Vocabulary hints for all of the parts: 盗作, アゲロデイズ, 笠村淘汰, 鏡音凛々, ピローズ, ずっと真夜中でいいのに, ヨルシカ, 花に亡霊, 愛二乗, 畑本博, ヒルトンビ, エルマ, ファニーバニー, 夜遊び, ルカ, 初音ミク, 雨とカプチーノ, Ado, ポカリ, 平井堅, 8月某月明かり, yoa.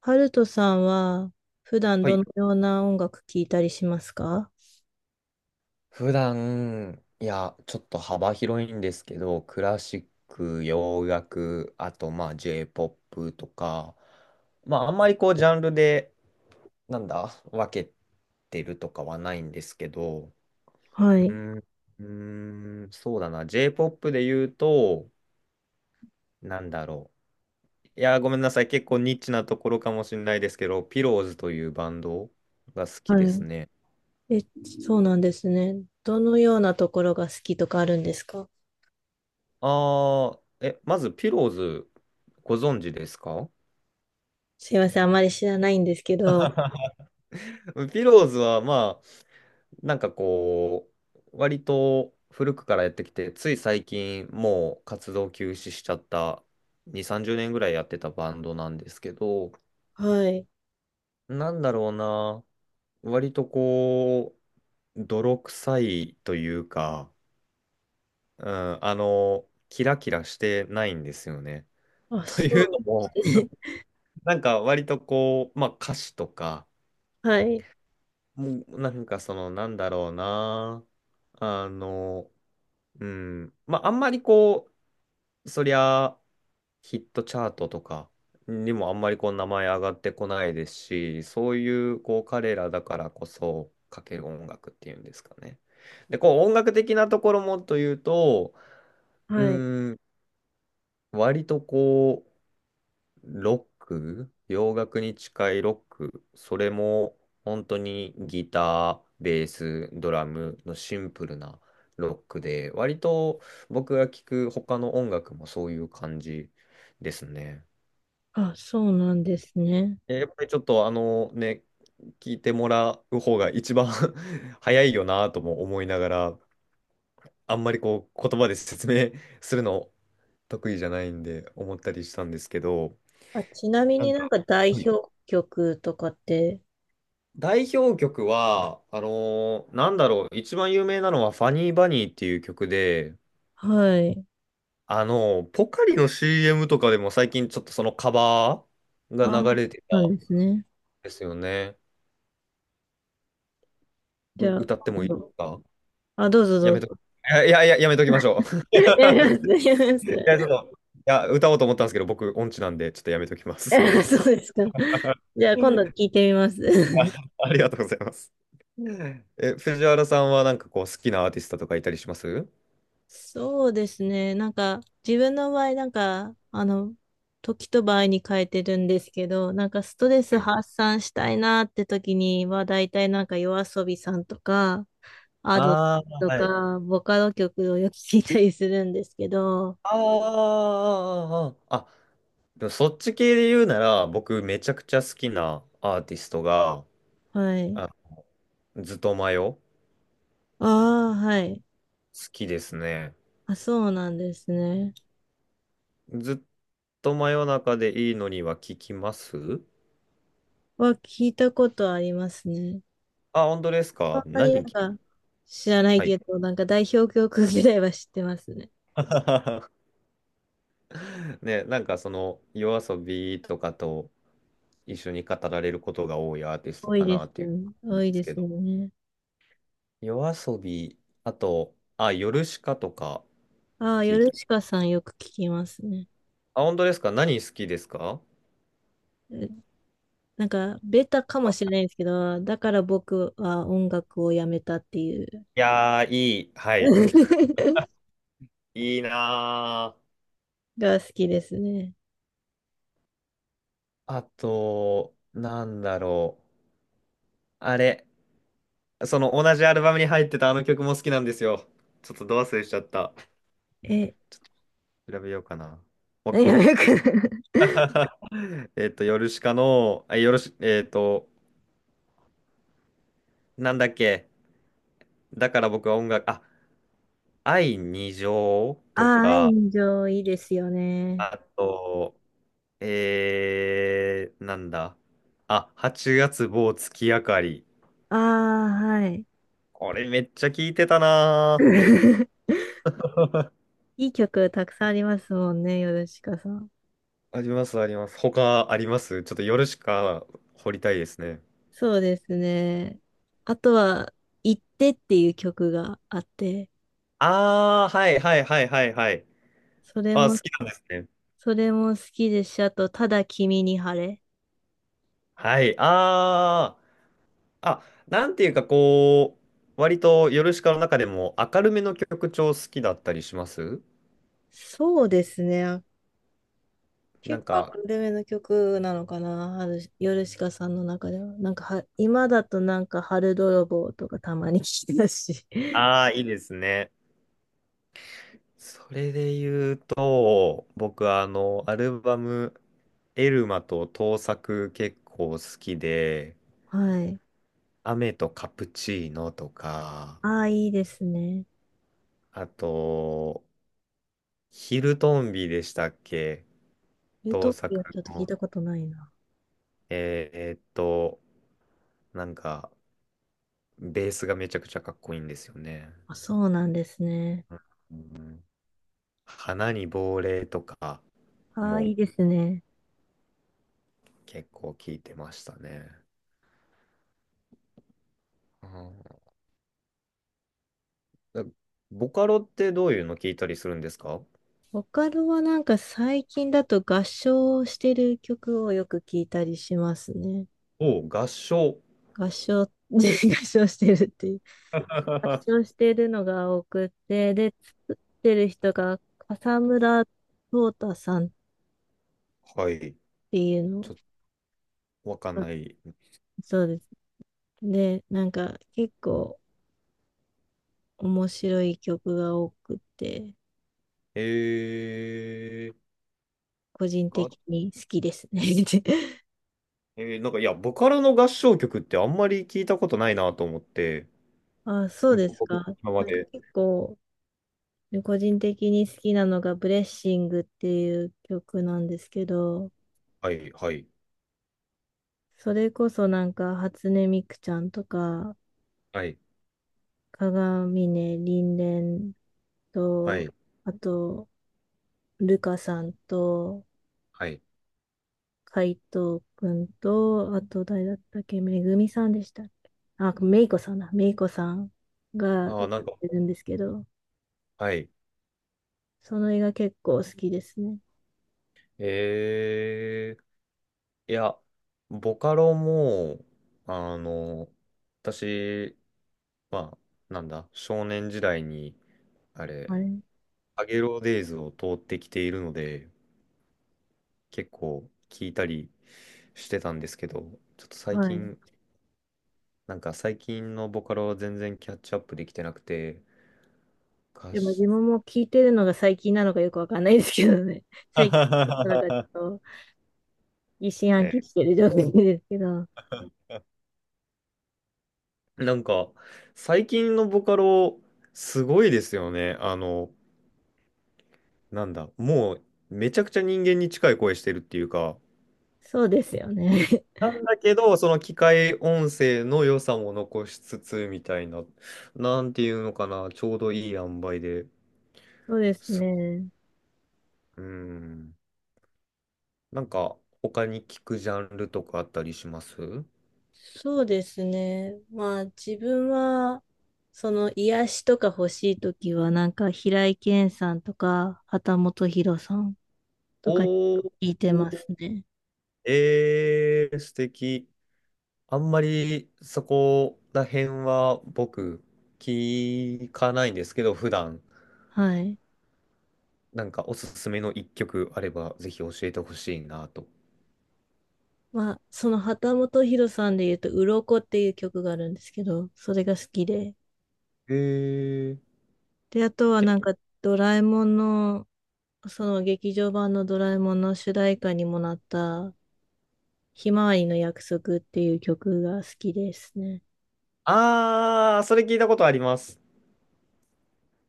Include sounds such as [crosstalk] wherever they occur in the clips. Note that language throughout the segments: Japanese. ハルトさんは普段はどい。のような音楽聴いたりしますか？普段、いや、ちょっと幅広いんですけど、クラシック、洋楽、あと、まあ、J-POP とか、まあ、あんまりこう、ジャンルで、なんだ、分けてるとかはないんですけど、はうい。ーん、うそうだな、J-POP で言うと、なんだろう。いや、ごめんなさい、結構ニッチなところかもしれないですけど、ピローズというバンドが好きはですい。ね。え、そうなんですね。どのようなところが好きとかあるんですか？あまず、ピローズ、ご存知ですか？ すいません、あまり知らないんですけど。[laughs] ピローズはまあ、なんかこう、割と古くからやってきて、つい最近もう活動休止しちゃった2、30年ぐらいやってたバンドなんですけど、はい。なんだろうな、割とこう、泥臭いというか、うん、キラキラしてないんですよね。あ、[laughs] とそういなうんのも、ですね。[laughs] なんか割とこう、まあ歌詞とか、はい。もうなんかその、なんだろうな、あの、うん。まあ、あんまりこう、そりゃ、ヒットチャートとかにもあんまりこう、名前上がってこないですし、そういう、こう、彼らだからこそ、かける音楽っていうんですかね。で、こう、音楽的なところもというと、うはい。ん、割とこう、ロック、洋楽に近いロック、それも本当にギター、ベース、ドラムのシンプルなロックで、割と僕が聴く他の音楽もそういう感じですね。あ、そうなんですね。やっぱりちょっとあのね、聞いてもらう方が一番 [laughs] 早いよなとも思いながら、あんまりこう言葉で説明するの得意じゃないんで思ったりしたんですけど、あ、ちなみなにんなんか、か代はい、表曲とかって。代表曲は、一番有名なのはファニーバニーっていう曲で、はい。ポカリの CM とかでも最近ちょっとそのカバーあ、が流れてたそうなんんですね。ですよね。じゃあ、歌っても今いいで度。すか？あ、どうぞどやめうと、いぞ。やいや、いや、やめときましょう。[laughs] [laughs] やります、やりまいす。や、ちょっと、いや、歌おうと思ったんですけど、僕音痴なんで、ちょっとやめときます。[laughs] そうですか。じゃあ今度聞い [laughs] てみまあす。ありがとうございます。藤原さんはなんかこう好きなアーティストとかいたりします？ [laughs] そうですね。なんか自分の場合、時と場合に変えてるんですけど、なんかストレはスい。発散したいなって時には、大体なんか y o a さんとか、Ado ああ、とはい。か、ボカロ曲をよく聞いたりするんですけど、あーあー、あーあーあでもそっち系で言うなら、僕めちゃくちゃ好きなアーティストが、はい。あ、ずっとマヨ、好ああ、はい。きですね。あ、そうなんですね。ずっと真夜中でいいのには聞きます？は聞いたことありますね。あ、本当ですそか？んなになんか知らないはい。けど、なんか代表曲ぐらいは知ってますね。[laughs] ね、なんかその、夜遊びとかと一緒に語られることが多いアーティスト多いかでなすっていよね。う多んでいすでけすど。よね。夜遊び、あと、あ、ヨルシカとかああ、聞ヨいルた。シカさんよく聞きますね。あ、本当ですか？何好きですか？え、なんか、ベタかもしれないですけど、だから僕は音楽をやめたっていう いやー、いい。はい。[laughs] いいなー。が好きですね。あと、なんだろう。あれ、その同じアルバムに入ってたあの曲も好きなんですよ。ちょっとド忘れしちゃった。え、ちょっと調べようかな。もう 何がよく。 [laughs] [laughs] ヨルシカの、あヨルシ、えっと、なんだっけ。だから僕は音楽、あ、愛二乗あとあ、愛か、の情いいですよね。あと、なんだ。あ、8月某月明かり。ああ、はい。これめっちゃ聞いてたなー。[laughs] [laughs] いい曲たくさんありますもんね、ヨルシカさん。あります、あります。他あります。ちょっと夜しか掘りたいですね。そうですね。あとは、行ってっていう曲があって、ああ、はいはいはいはいはい。それあ、も、好きなんですね。それも好きですし、あと、ただ君に晴れ。はい。ああ、あ、なんていうかこう、割と夜しかの中でも明るめの曲調好きだったりします？そうですね。な結ん構アか、カデミーの曲なのかな、春ヨルシカさんの中では。なんかは、今だとなんか、春泥棒とかたまに聞いてたし。[laughs] ああ、いいですね。それで言うと、僕はあの、アルバム、エルマと盗作結構好きで、はい。雨とカプチーノとか、ああ、いいですね。あと、ヒルトンビでしたっけ？ルート当ピアちょ作っと聞いの。たことないな。えーえーっと、なんか、ベースがめちゃくちゃかっこいいんですよね。あ、そうなんですね。うん、花に亡霊とかああ、いもいですね。結構聞いてましたね。うん、ボカロってどういうの聞いたりするんですか？ボカロはなんか最近だと合唱をしてる曲をよく聞いたりしますね。お合唱。合唱、[laughs] 合唱してるっていう。[laughs] 合は唱してるのが多くて、で、作ってる人が笠村淘汰さんっい。ていうちの。ょっとわかんなあ、い。そうです。で、なんか結構面白い曲が多くて、えー、個人的合に好きですね。[laughs] えーなんか、いや、ボカロの合唱曲ってあんまり聞いたことないなと思って、あ、そうです僕、か。今まなんかで。結構で個人的に好きなのがブレッシングっていう曲なんですけど、はい、はい、それこそなんか初音ミクちゃんとか、はい、鏡音凛々はと、い、あと、ルカさんと、はい。海藤くんと、あと誰だったっけ、めぐみさんでしたっけ。あ、めいこさんだ。めいこさんがあ歌っあ、なんか、てるんですけど、はい。その映画結構好きですね。えいや、ボカロも、あの、私、まあ、なんだ、少年時代に、あれ、あれ。アゲロデイズを通ってきているので、結構聞いたりしてたんですけど、ちょっと最はい。近、なんか最近のボカロは全然キャッチアップできてなくて、歌でも自詞、分も聞いてるのが最近なのかよくわかんないですけどね。[laughs] 最近、なんかちょっ [laughs] と疑心暗ね、鬼してる状態ですけど、なんか最近のボカロすごいですよね。あの、なんだ、もうめちゃくちゃ人間に近い声してるっていうか、そうですよね。[laughs] なんだけど、その機械音声の良さも残しつつみたいな、なんていうのかな、ちょうどいい塩梅で。そうですね。うん。なんか他に聞くジャンルとかあったりします？そうですね。まあ自分は、その癒しとか欲しいときは、なんか平井堅さんとか、畑本博さんとか聞おー、いてますね。ええ、素敵。あんまりそこら辺は僕聞かないんですけど、普段はい。なんかおすすめの一曲あればぜひ教えてほしいなと。まあその畑本博さんで言うと、鱗っていう曲があるんですけど、それが好きで、ええで、あとはけなんか、ドラえもんの、その劇場版のドラえもんの主題歌にもなった、ひまわりの約束っていう曲が好きですね。ああー、それ聞いたことあります。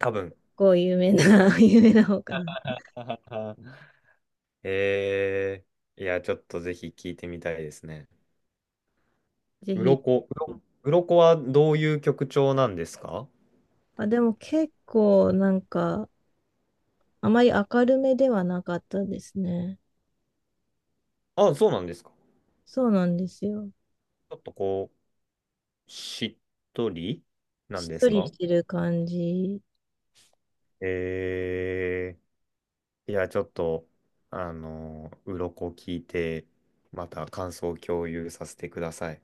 多分。こう有名な、[laughs] 有名な方かな。[laughs] はは、は、えいや、ちょっとぜひ聞いてみたいですね。ぜうひ。ろこ、うろこはどういう曲調なんですか？あ、でも結構なんか、あまり明るめではなかったですね。あ、そうなんですか。そうなんですよ。ちょっとこう、しっとりなしんっでとすりしか？てる感じ。えいや、ちょっと、あの、鱗聞いて、また感想を共有させてください。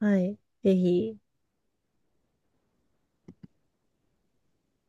はい。ぜひ。